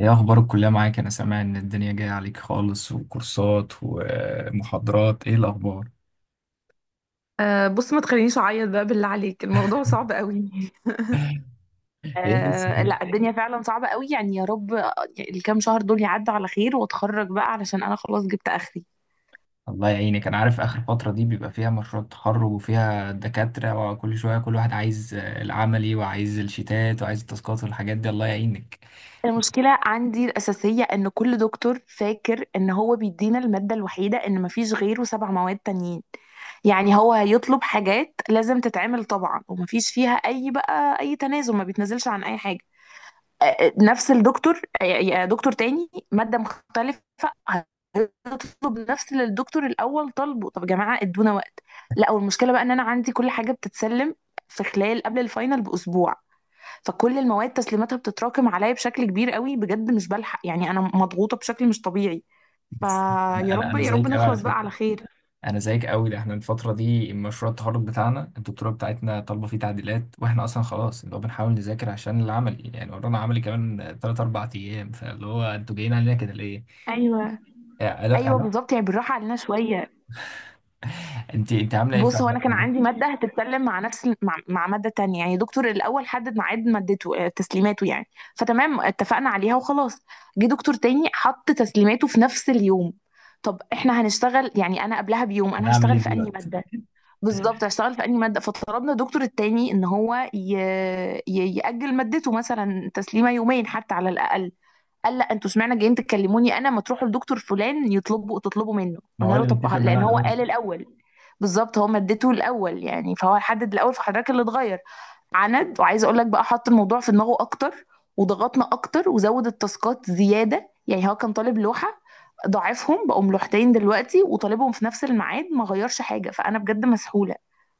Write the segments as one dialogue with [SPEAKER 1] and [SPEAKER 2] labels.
[SPEAKER 1] ايه اخبار الكلية معاك؟ انا سامع ان الدنيا جاية عليك خالص، وكورسات ومحاضرات، ايه الاخبار؟
[SPEAKER 2] بص، ما تخلينيش اعيط بقى، بالله عليك. الموضوع صعب قوي.
[SPEAKER 1] ايه بس
[SPEAKER 2] آه،
[SPEAKER 1] كده؟
[SPEAKER 2] لا، الدنيا فعلا صعبة قوي يعني، يا رب. الكام شهر دول يعدوا على خير واتخرج بقى، علشان انا خلاص جبت اخري.
[SPEAKER 1] الله يعينك، انا عارف اخر فترة دي بيبقى فيها مشروع تخرج وفيها دكاترة وكل شوية كل واحد عايز العملي وعايز الشيتات وعايز التاسكات والحاجات دي، الله يعينك.
[SPEAKER 2] المشكلة عندي الأساسية إن كل دكتور فاكر إن هو بيدينا المادة الوحيدة، إن مفيش غيره. 7 مواد تانيين. يعني هو هيطلب حاجات لازم تتعمل طبعا، ومفيش فيها أي تنازل. ما بيتنازلش عن أي حاجة. نفس الدكتور، دكتور تاني مادة مختلفة. هتطلب نفس اللي الدكتور الأول طالبه. طب يا جماعة، ادونا وقت. لا، والمشكلة بقى ان انا عندي كل حاجة بتتسلم في خلال، قبل الفاينل بأسبوع. فكل المواد تسليماتها بتتراكم عليا بشكل كبير قوي بجد، مش بلحق يعني، انا مضغوطة بشكل مش طبيعي.
[SPEAKER 1] بس، انا
[SPEAKER 2] فيا
[SPEAKER 1] انا
[SPEAKER 2] رب
[SPEAKER 1] أنا
[SPEAKER 2] يا رب
[SPEAKER 1] زيك قوي على
[SPEAKER 2] نخلص بقى
[SPEAKER 1] فكرة،
[SPEAKER 2] على خير.
[SPEAKER 1] انا زيك قوي، ده احنا الفتره دي مشروع التخرج بتاعنا الدكتوره بتاعتنا طالبه فيه تعديلات، واحنا اصلا خلاص اللي هو بنحاول نذاكر عشان العملي، يعني ورانا عملي كمان 3 4 ايام، فاللي هو انتوا جايين علينا كده ليه؟
[SPEAKER 2] ايوه،
[SPEAKER 1] الو،
[SPEAKER 2] ايوه،
[SPEAKER 1] الو.
[SPEAKER 2] بالظبط يعني، بالراحة علينا شوية.
[SPEAKER 1] انت عامله ايه في
[SPEAKER 2] بص، هو انا كان عندي ماده هتتكلم مع نفس مع ماده تانية يعني. دكتور الاول حدد ميعاد مادته، تسليماته يعني. فتمام، اتفقنا عليها وخلاص. جه دكتور تاني، حط تسليماته في نفس اليوم. طب احنا هنشتغل يعني، انا قبلها بيوم
[SPEAKER 1] انا
[SPEAKER 2] انا
[SPEAKER 1] هعمل ايه
[SPEAKER 2] هشتغل في انهي
[SPEAKER 1] دلوقتي؟
[SPEAKER 2] ماده؟ بالظبط، هشتغل في انهي ماده؟ فطلبنا الدكتور التاني ان ياجل مادته مثلا تسليمه يومين حتى على الاقل. قال لا، انتوا اشمعنى جايين تكلموني انا؟ ما تروحوا لدكتور فلان تطلبوا منه.
[SPEAKER 1] ما
[SPEAKER 2] قلنا
[SPEAKER 1] هو
[SPEAKER 2] له
[SPEAKER 1] اللي
[SPEAKER 2] طب،
[SPEAKER 1] متفق
[SPEAKER 2] لان
[SPEAKER 1] معانا
[SPEAKER 2] هو
[SPEAKER 1] الاول.
[SPEAKER 2] قال الاول. بالظبط، هو مادته الاول يعني، فهو حدد الاول، فحضرتك اللي اتغير عند. وعايزه اقول لك بقى، حط الموضوع في دماغه اكتر وضغطنا اكتر، وزود التاسكات زياده يعني. هو كان طالب لوحه، ضاعفهم، بقوا لوحتين دلوقتي، وطالبهم في نفس الميعاد، ما غيرش حاجه. فانا بجد مسحوله.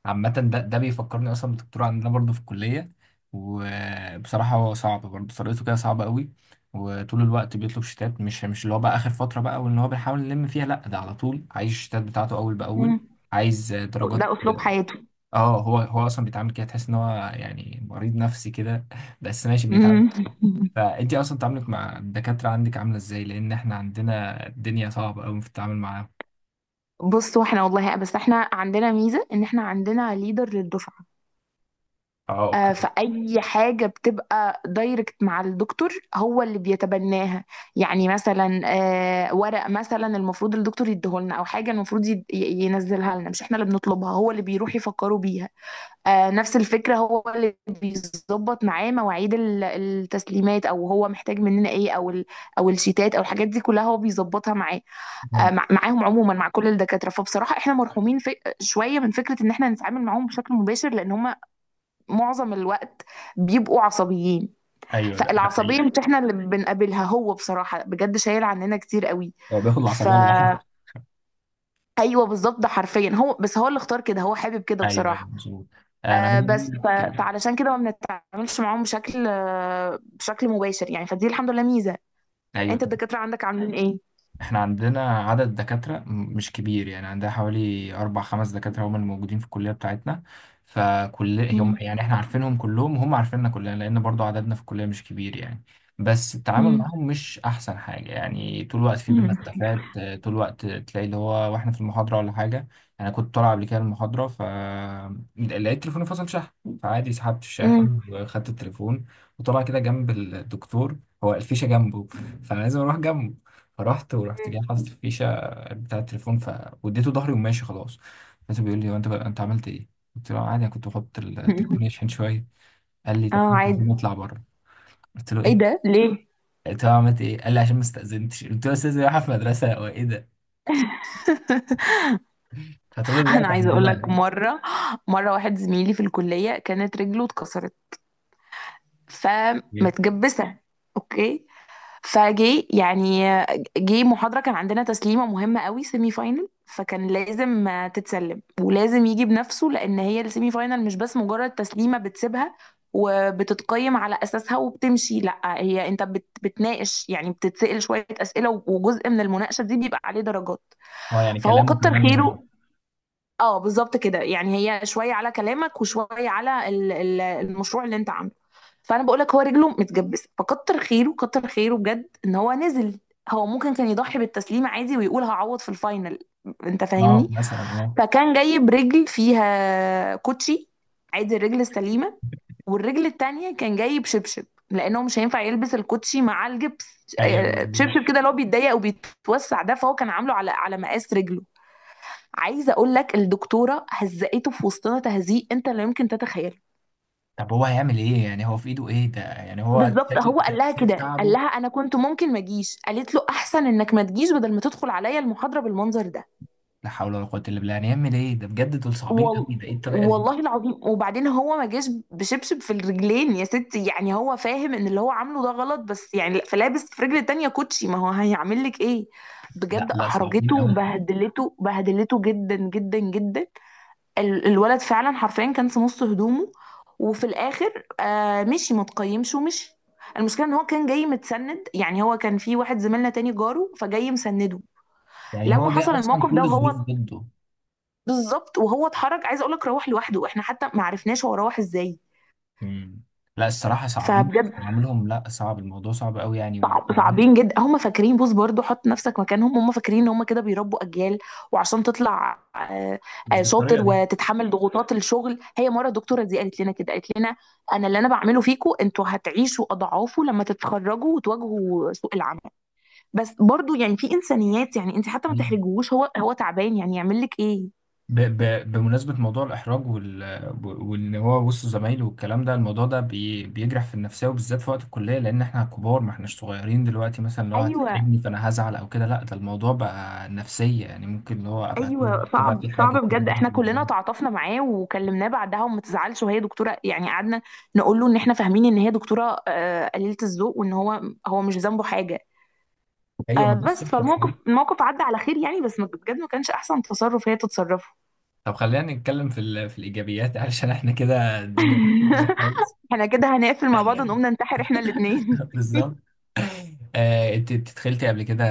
[SPEAKER 1] عامة ده بيفكرني أصلا بالدكتور عندنا برضه في الكلية، وبصراحة هو صعب برضه، طريقته كده صعبة قوي، وطول الوقت بيطلب شتات، مش اللي هو بقى آخر فترة بقى وإن هو بيحاول يلم فيها، لأ ده على طول عايز الشتات بتاعته أول بأول.
[SPEAKER 2] مم.
[SPEAKER 1] عايز درجات.
[SPEAKER 2] ده اسلوب حياته.
[SPEAKER 1] اه، هو أصلا بيتعامل كده، تحس إن هو يعني مريض نفسي كده، بس ماشي بنتعامل.
[SPEAKER 2] مم.
[SPEAKER 1] فأنتي أصلا تعاملك مع الدكاترة عندك عاملة إزاي؟ لأن إحنا عندنا الدنيا صعبة قوي في التعامل معاهم.
[SPEAKER 2] بصوا، احنا والله بس احنا عندنا ميزه ان احنا عندنا ليدر للدفعه.
[SPEAKER 1] اه، اوكي.
[SPEAKER 2] فأي حاجة بتبقى دايركت مع الدكتور، هو اللي بيتبناها. يعني مثلا، ورق مثلا المفروض الدكتور يديهولنا، أو حاجة المفروض ينزلها لنا، مش احنا اللي بنطلبها. هو اللي بيروح يفكروا بيها. نفس الفكرة، هو اللي بيظبط معاه مواعيد التسليمات، أو هو محتاج مننا إيه، أو الشيتات أو الحاجات دي كلها هو بيظبطها معاه.
[SPEAKER 1] مم.
[SPEAKER 2] معاهم عموما، مع كل الدكاترة. فبصراحة احنا مرحومين في شوية من فكرة إن احنا نتعامل معاهم بشكل مباشر، لأن هم معظم الوقت بيبقوا عصبيين.
[SPEAKER 1] ايوه، ده حقيقي.
[SPEAKER 2] فالعصبية مش احنا اللي بنقابلها، هو بصراحة بجد شايل عننا كتير قوي.
[SPEAKER 1] هو بياخد
[SPEAKER 2] ف
[SPEAKER 1] العصبية لوحده.
[SPEAKER 2] ايوه بالظبط، ده حرفيا هو، بس هو اللي اختار كده، هو حابب كده
[SPEAKER 1] ايوه، ايوه،
[SPEAKER 2] بصراحة.
[SPEAKER 1] مظبوط. انا عايز
[SPEAKER 2] بس
[SPEAKER 1] اقول لك.
[SPEAKER 2] فعلشان كده ما بنتعاملش معاهم بشكل مباشر يعني، فدي الحمد لله ميزة.
[SPEAKER 1] ايوه.
[SPEAKER 2] انت، الدكاترة عندك عاملين ايه؟
[SPEAKER 1] احنا عندنا عدد دكاترة مش كبير، يعني عندنا حوالي أربع خمس دكاترة هم الموجودين في الكلية بتاعتنا، فكل هم
[SPEAKER 2] مم.
[SPEAKER 1] يعني احنا عارفينهم كلهم وهم عارفيننا كلنا، لأن برضو عددنا في الكلية مش كبير يعني. بس التعامل
[SPEAKER 2] مم.
[SPEAKER 1] معاهم مش أحسن حاجة، يعني طول الوقت في بينا
[SPEAKER 2] مم.
[SPEAKER 1] خلافات، طول الوقت تلاقي اللي هو واحنا في المحاضرة ولا حاجة. أنا كنت طالع قبل كده المحاضرة، ف لقيت تليفوني فصل شحن، فعادي سحبت
[SPEAKER 2] مم.
[SPEAKER 1] الشاحن وخدت التليفون، وطلع كده جنب الدكتور، هو الفيشة جنبه، فأنا لازم أروح جنبه، فرحت، ورحت جاي حاطط الفيشه بتاع التليفون، ف واديته ظهري وماشي خلاص. لقيته بيقول لي: هو انت عملت ايه؟ قلت له: عادي، انا كنت بحط
[SPEAKER 2] مم.
[SPEAKER 1] التليفون يشحن شويه. قال لي:
[SPEAKER 2] اه،
[SPEAKER 1] طب خد التليفون
[SPEAKER 2] عادي.
[SPEAKER 1] واطلع بره. قلت له:
[SPEAKER 2] ايه
[SPEAKER 1] ايه؟
[SPEAKER 2] ده ليه؟
[SPEAKER 1] قلت له: عملت ايه؟ قال لي: عشان ما استاذنتش. قلت له: استاذن رايحه في مدرسه؟ هو ايه ده؟ فطول الوقت
[SPEAKER 2] انا عايزه اقول
[SPEAKER 1] عندنا.
[SPEAKER 2] لك مره. مره واحد زميلي في الكليه كانت رجله اتكسرت، فمتجبسه. اوكي. فجي يعني جه محاضره، كان عندنا تسليمه مهمه قوي، سيمي فاينل، فكان لازم تتسلم، ولازم يجي بنفسه. لان هي السيمي فاينل مش بس مجرد تسليمه بتسيبها، وبتتقيم على اساسها وبتمشي. لا، هي انت بتناقش يعني، بتتسأل شويه اسئله، وجزء من المناقشه دي بيبقى عليه درجات.
[SPEAKER 1] اه، يعني
[SPEAKER 2] فهو
[SPEAKER 1] كلامه
[SPEAKER 2] كتر
[SPEAKER 1] كمان مهم.
[SPEAKER 2] خيره. اه بالظبط كده يعني، هي شويه على كلامك وشويه على المشروع اللي انت عامله. فانا بقول لك، هو رجله متجبسه، فكتر خيره كتر خيره بجد ان هو نزل. هو ممكن كان يضحي بالتسليم عادي، ويقول هعوض في الفاينل. انت
[SPEAKER 1] اه،
[SPEAKER 2] فاهمني؟
[SPEAKER 1] مثلا، اه.
[SPEAKER 2] فكان جايب رجل فيها كوتشي، عادي، الرجل السليمه. والرجل التانية كان جايب شبشب، لانه مش هينفع يلبس الكوتشي مع الجبس.
[SPEAKER 1] ايوه مظبوط.
[SPEAKER 2] شبشب كده اللي هو بيتضيق وبيتوسع ده، فهو كان عامله على مقاس رجله. عايزه اقول لك، الدكتوره هزقته في وسطنا تهزيق انت لا يمكن تتخيله.
[SPEAKER 1] طب هو هيعمل ايه؟ يعني هو في ايده ايه؟ ده يعني هو
[SPEAKER 2] بالظبط،
[SPEAKER 1] سايب
[SPEAKER 2] هو قال لها
[SPEAKER 1] سايب
[SPEAKER 2] كده، قال
[SPEAKER 1] تعبه.
[SPEAKER 2] لها انا كنت ممكن ما اجيش، قالت له احسن انك ما تجيش بدل ما تدخل عليا المحاضره بالمنظر ده.
[SPEAKER 1] لا حول ولا قوه الا بالله، يعني يعمل ايه ده؟ بجد دول صعبين
[SPEAKER 2] وال...
[SPEAKER 1] قوي، ده ايه الطريقه دي؟
[SPEAKER 2] والله العظيم، وبعدين هو ما جاش بشبشب في الرجلين يا ستي، يعني هو فاهم ان اللي هو عامله ده غلط، بس يعني فلابس في رجل التانية كوتشي، ما هو هيعمل لك ايه.
[SPEAKER 1] لا،
[SPEAKER 2] بجد
[SPEAKER 1] لا،
[SPEAKER 2] احرجته
[SPEAKER 1] صعبين قوي.
[SPEAKER 2] وبهدلته، بهدلته جدا جدا جدا. الولد فعلا حرفيا كان في نص هدومه، وفي الاخر مشي متقيمش ومشي. المشكله ان هو كان جاي متسند، يعني هو كان في واحد زميلنا تاني جاره فجاي مسنده.
[SPEAKER 1] يعني
[SPEAKER 2] لما
[SPEAKER 1] هو جاي
[SPEAKER 2] حصل
[SPEAKER 1] اصلا
[SPEAKER 2] الموقف
[SPEAKER 1] كل
[SPEAKER 2] ده
[SPEAKER 1] الظروف
[SPEAKER 2] وهو،
[SPEAKER 1] ضده.
[SPEAKER 2] بالظبط، وهو اتحرك عايزه اقول لك، روح لوحده، احنا حتى ما عرفناش هو روح ازاي.
[SPEAKER 1] مم. لا، الصراحه صعبين.
[SPEAKER 2] فبجد،
[SPEAKER 1] عملهم لا، صعب، الموضوع صعب قوي يعني
[SPEAKER 2] صعب، صعبين جدا. هم فاكرين، بص برضو حط نفسك مكانهم، هم فاكرين ان هم كده بيربوا اجيال. وعشان تطلع
[SPEAKER 1] مش
[SPEAKER 2] شاطر
[SPEAKER 1] بالطريقه دي.
[SPEAKER 2] وتتحمل ضغوطات الشغل. هي مره الدكتوره دي قالت لنا كده، قالت لنا انا، اللي انا بعمله فيكم، انتوا هتعيشوا اضعافه لما تتخرجوا وتواجهوا سوق العمل. بس برضو يعني، في انسانيات يعني، انت حتى ما تحرجوش، هو تعبان يعني، يعمل لك ايه.
[SPEAKER 1] بمناسبه موضوع الاحراج وان هو وسط زمايله والكلام ده، الموضوع ده بيجرح في النفسيه، وبالذات في وقت الكليه، لان احنا كبار، ما احناش صغيرين دلوقتي، مثلا لو
[SPEAKER 2] ايوه،
[SPEAKER 1] هتحرجني فانا هزعل او كده، لا، ده الموضوع بقى نفسيه يعني، ممكن اللي هو ابقى طول
[SPEAKER 2] ايوه،
[SPEAKER 1] الوقت بقى
[SPEAKER 2] صعب
[SPEAKER 1] في
[SPEAKER 2] صعب
[SPEAKER 1] حاجه كده.
[SPEAKER 2] بجد. احنا كلنا تعاطفنا معاه وكلمناه بعدها، وما تزعلش وهي دكتوره يعني، قعدنا نقول له ان احنا فاهمين ان هي دكتوره، قليله الذوق، وان هو هو مش ذنبه حاجه.
[SPEAKER 1] ايوه ما بس.
[SPEAKER 2] بس فالموقف، الموقف عدى على خير يعني، بس بجد ما كانش احسن تصرف هي تتصرفه.
[SPEAKER 1] طب خلينا نتكلم في في الايجابيات، علشان احنا كده الدنيا بايظة خالص.
[SPEAKER 2] احنا كده هنقفل مع بعض ونقوم ننتحر احنا الاثنين.
[SPEAKER 1] بالظبط. انت دخلتي قبل كده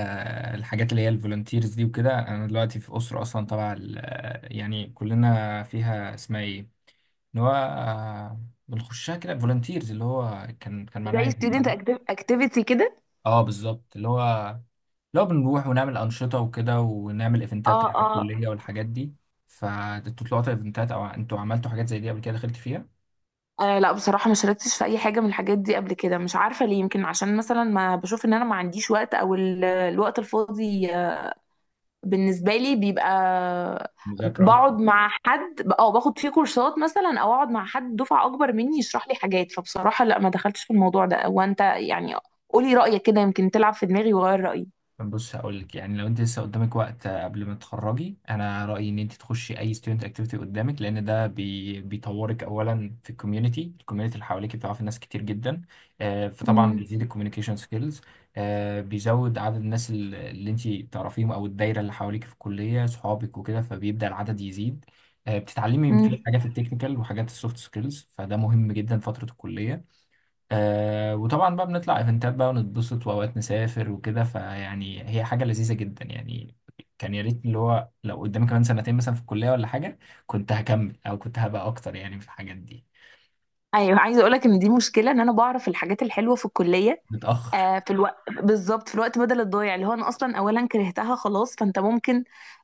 [SPEAKER 1] الحاجات اللي هي الفولunteers دي وكده؟ انا دلوقتي في اسره اصلا طبعا، يعني كلنا فيها، اسمها ايه اللي هو بنخشها كده، فولunteers، اللي هو كان معناها
[SPEAKER 2] زي
[SPEAKER 1] ايه
[SPEAKER 2] ستودنت
[SPEAKER 1] بالعربي؟
[SPEAKER 2] اكتيفيتي كده.
[SPEAKER 1] اه بالظبط، اللي هو لو بنروح ونعمل أنشطة وكده، ونعمل إيفنتات
[SPEAKER 2] اه،
[SPEAKER 1] تبع
[SPEAKER 2] اه.
[SPEAKER 1] الكلية والحاجات دي، فانتوا طلعتوا إيفنتات أو انتوا عملتوا حاجات زي دي قبل كده؟ دخلت فيها؟
[SPEAKER 2] آه، لا، بصراحة ما شاركتش في أي حاجة من الحاجات دي قبل كده، مش عارفة ليه. يمكن عشان مثلا ما بشوف إن أنا ما عنديش وقت، أو الوقت الفاضي بالنسبة لي بيبقى
[SPEAKER 1] مذاكرة أكتر.
[SPEAKER 2] بقعد مع حد، او باخد فيه كورسات مثلا، او اقعد مع حد دفعة اكبر مني يشرح لي حاجات. فبصراحة لا، ما دخلتش في الموضوع ده. وانت يعني، قولي رأيك كده، يمكن تلعب في دماغي وغير رأيي.
[SPEAKER 1] بص هقول لك، يعني لو أنت لسه قدامك وقت قبل ما تتخرجي، أنا رأيي إن أنت تخشي أي ستودنت أكتيفيتي قدامك، لأن ده بيطورك أولا في الكوميونتي، الكوميونتي اللي حواليك بتعرفي ناس كتير جدا. فطبعا
[SPEAKER 2] امم.
[SPEAKER 1] بيزيد الكوميونيكيشن سكيلز، بيزود عدد الناس اللي أنت تعرفيهم أو الدايرة اللي حواليك في الكلية، صحابك وكده، فبيبدأ العدد يزيد. بتتعلمي من فيه
[SPEAKER 2] امم.
[SPEAKER 1] حاجات التكنيكال وحاجات السوفت سكيلز، فده مهم جدا فترة الكلية. وطبعا بقى بنطلع ايفنتات بقى ونتبسط، واوقات نسافر وكده، فيعني هي حاجه لذيذه جدا يعني. كان يا ريت اللي هو لو قدامي كمان سنتين مثلا في الكليه ولا حاجه، كنت هكمل او كنت هبقى اكتر يعني في الحاجات دي.
[SPEAKER 2] ايوه، عايزة اقولك ان دي مشكلة، ان انا بعرف الحاجات الحلوة في الكلية
[SPEAKER 1] متاخر.
[SPEAKER 2] في الوقت، بالظبط، في الوقت بدل الضايع، اللي هو انا اصلا اولا كرهتها خلاص. فانت ممكن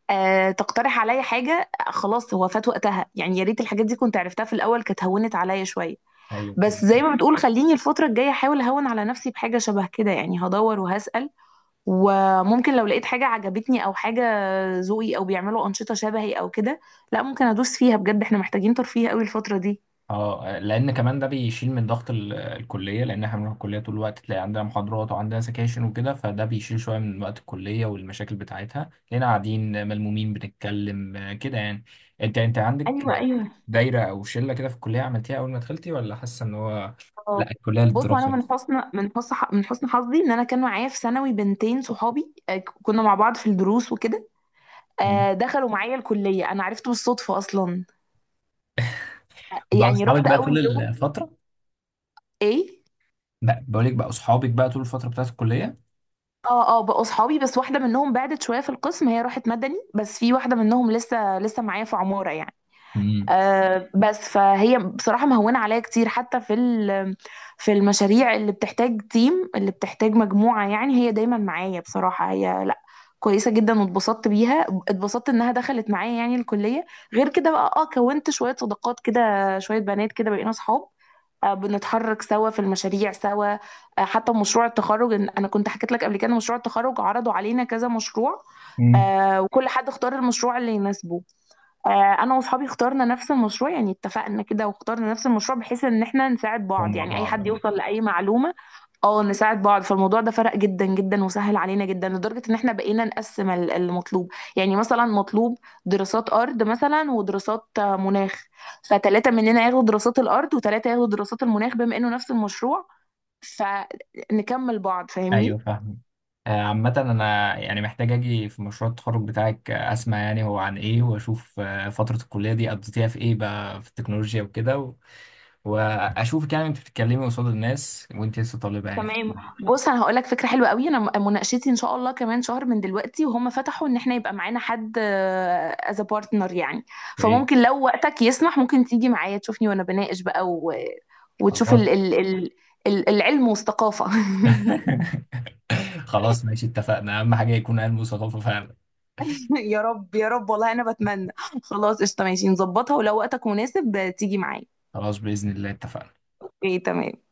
[SPEAKER 2] تقترح عليا حاجة. خلاص هو فات وقتها يعني، يا ريت الحاجات دي كنت عرفتها في الاول، كانت هونت عليا شوية.
[SPEAKER 1] ايوه
[SPEAKER 2] بس زي
[SPEAKER 1] بالظبط.
[SPEAKER 2] ما بتقول، خليني الفترة الجاية احاول اهون على نفسي بحاجة شبه كده يعني، هدور وهسأل، وممكن لو لقيت حاجة عجبتني او حاجة ذوقي، او بيعملوا أنشطة شبهي او كده، لا ممكن ادوس فيها. بجد احنا محتاجين ترفيه قوي الفترة دي.
[SPEAKER 1] اه لان كمان ده بيشيل من ضغط الكليه، لان احنا بنروح الكليه طول الوقت تلاقي عندنا محاضرات وعندنا سكاشن وكده، فده بيشيل شويه من وقت الكليه والمشاكل بتاعتها، لقينا قاعدين ملمومين بنتكلم كده يعني. انت عندك
[SPEAKER 2] ايوه، ايوه.
[SPEAKER 1] دايرة أو شلة كده في الكلية عملتيها أول ما دخلتي، ولا حاسة إن هو
[SPEAKER 2] آه.
[SPEAKER 1] لا الكلية
[SPEAKER 2] بص، انا
[SPEAKER 1] للدراسة
[SPEAKER 2] من
[SPEAKER 1] بس؟
[SPEAKER 2] حسن من حسن من حسن حظي ان انا كان معايا في ثانوي بنتين صحابي، كنا مع بعض في الدروس وكده.
[SPEAKER 1] مم.
[SPEAKER 2] دخلوا معايا الكلية، انا عرفته بالصدفة اصلا.
[SPEAKER 1] بقى
[SPEAKER 2] يعني
[SPEAKER 1] أصحابك
[SPEAKER 2] رحت
[SPEAKER 1] بقى طول
[SPEAKER 2] اول يوم،
[SPEAKER 1] الفترة؟
[SPEAKER 2] ايه.
[SPEAKER 1] بقى بقولك بقى أصحابك بقى طول الفترة بتاعت الكلية.
[SPEAKER 2] اه، اه، بقوا صحابي. بس واحدة منهم بعدت شوية في القسم، هي راحت مدني، بس في واحدة منهم لسه لسه معايا في عمارة يعني.
[SPEAKER 1] امم.
[SPEAKER 2] بس فهي بصراحة مهونة عليا كتير، حتى في في المشاريع اللي بتحتاج تيم، اللي بتحتاج مجموعة يعني، هي دايما معايا بصراحة. هي لا، كويسة جدا، واتبسطت بيها، اتبسطت انها دخلت معايا يعني الكلية. غير كده بقى، اه، كونت شوية صداقات كده، شوية بنات كده بقينا صحاب. بنتحرك سوا، في المشاريع سوا، حتى مشروع التخرج انا كنت حكيت لك قبل كده، مشروع التخرج عرضوا علينا كذا مشروع.
[SPEAKER 1] امم.
[SPEAKER 2] وكل حد اختار المشروع اللي يناسبه. انا واصحابي اخترنا نفس المشروع يعني، اتفقنا كده واخترنا نفس المشروع بحيث ان احنا نساعد بعض،
[SPEAKER 1] ومع
[SPEAKER 2] يعني اي
[SPEAKER 1] بعض
[SPEAKER 2] حد
[SPEAKER 1] أه.
[SPEAKER 2] يوصل لاي معلومة. اه، نساعد بعض. فالموضوع ده فرق جدا جدا، وسهل علينا جدا لدرجة ان احنا بقينا نقسم المطلوب يعني، مثلا مطلوب دراسات ارض مثلا، ودراسات، مناخ. فتلاتة مننا ياخدوا دراسات الارض، وتلاتة ياخدوا دراسات المناخ، بما انه نفس المشروع، فنكمل بعض.
[SPEAKER 1] أيوه
[SPEAKER 2] فاهمني؟
[SPEAKER 1] فاهم. عامة أنا يعني محتاج أجي في مشروع التخرج بتاعك، أسمع يعني هو عن إيه، وأشوف فترة الكلية دي قضيتيها في إيه بقى، في التكنولوجيا وكده وأشوفك يعني أنت بتتكلمي قصاد الناس وأنت لسه طالبة يعني في
[SPEAKER 2] تمام. بص انا هقول لك فكره حلوه قوي. انا مناقشتي ان شاء الله كمان شهر من دلوقتي، وهم فتحوا ان احنا يبقى معانا حد از بارتنر يعني.
[SPEAKER 1] في إيه.
[SPEAKER 2] فممكن لو وقتك يسمح، ممكن تيجي معايا تشوفني وانا بناقش بقى وتشوف
[SPEAKER 1] خلاص.
[SPEAKER 2] العلم والثقافه.
[SPEAKER 1] خلاص ماشي، اتفقنا، اهم حاجة يكون علم وثقافة فعلا.
[SPEAKER 2] يا رب يا رب والله انا بتمنى. خلاص، قشطه ماشي نظبطها، ولو وقتك مناسب تيجي معايا.
[SPEAKER 1] خلاص بإذن الله، اتفقنا
[SPEAKER 2] ايه، تمام.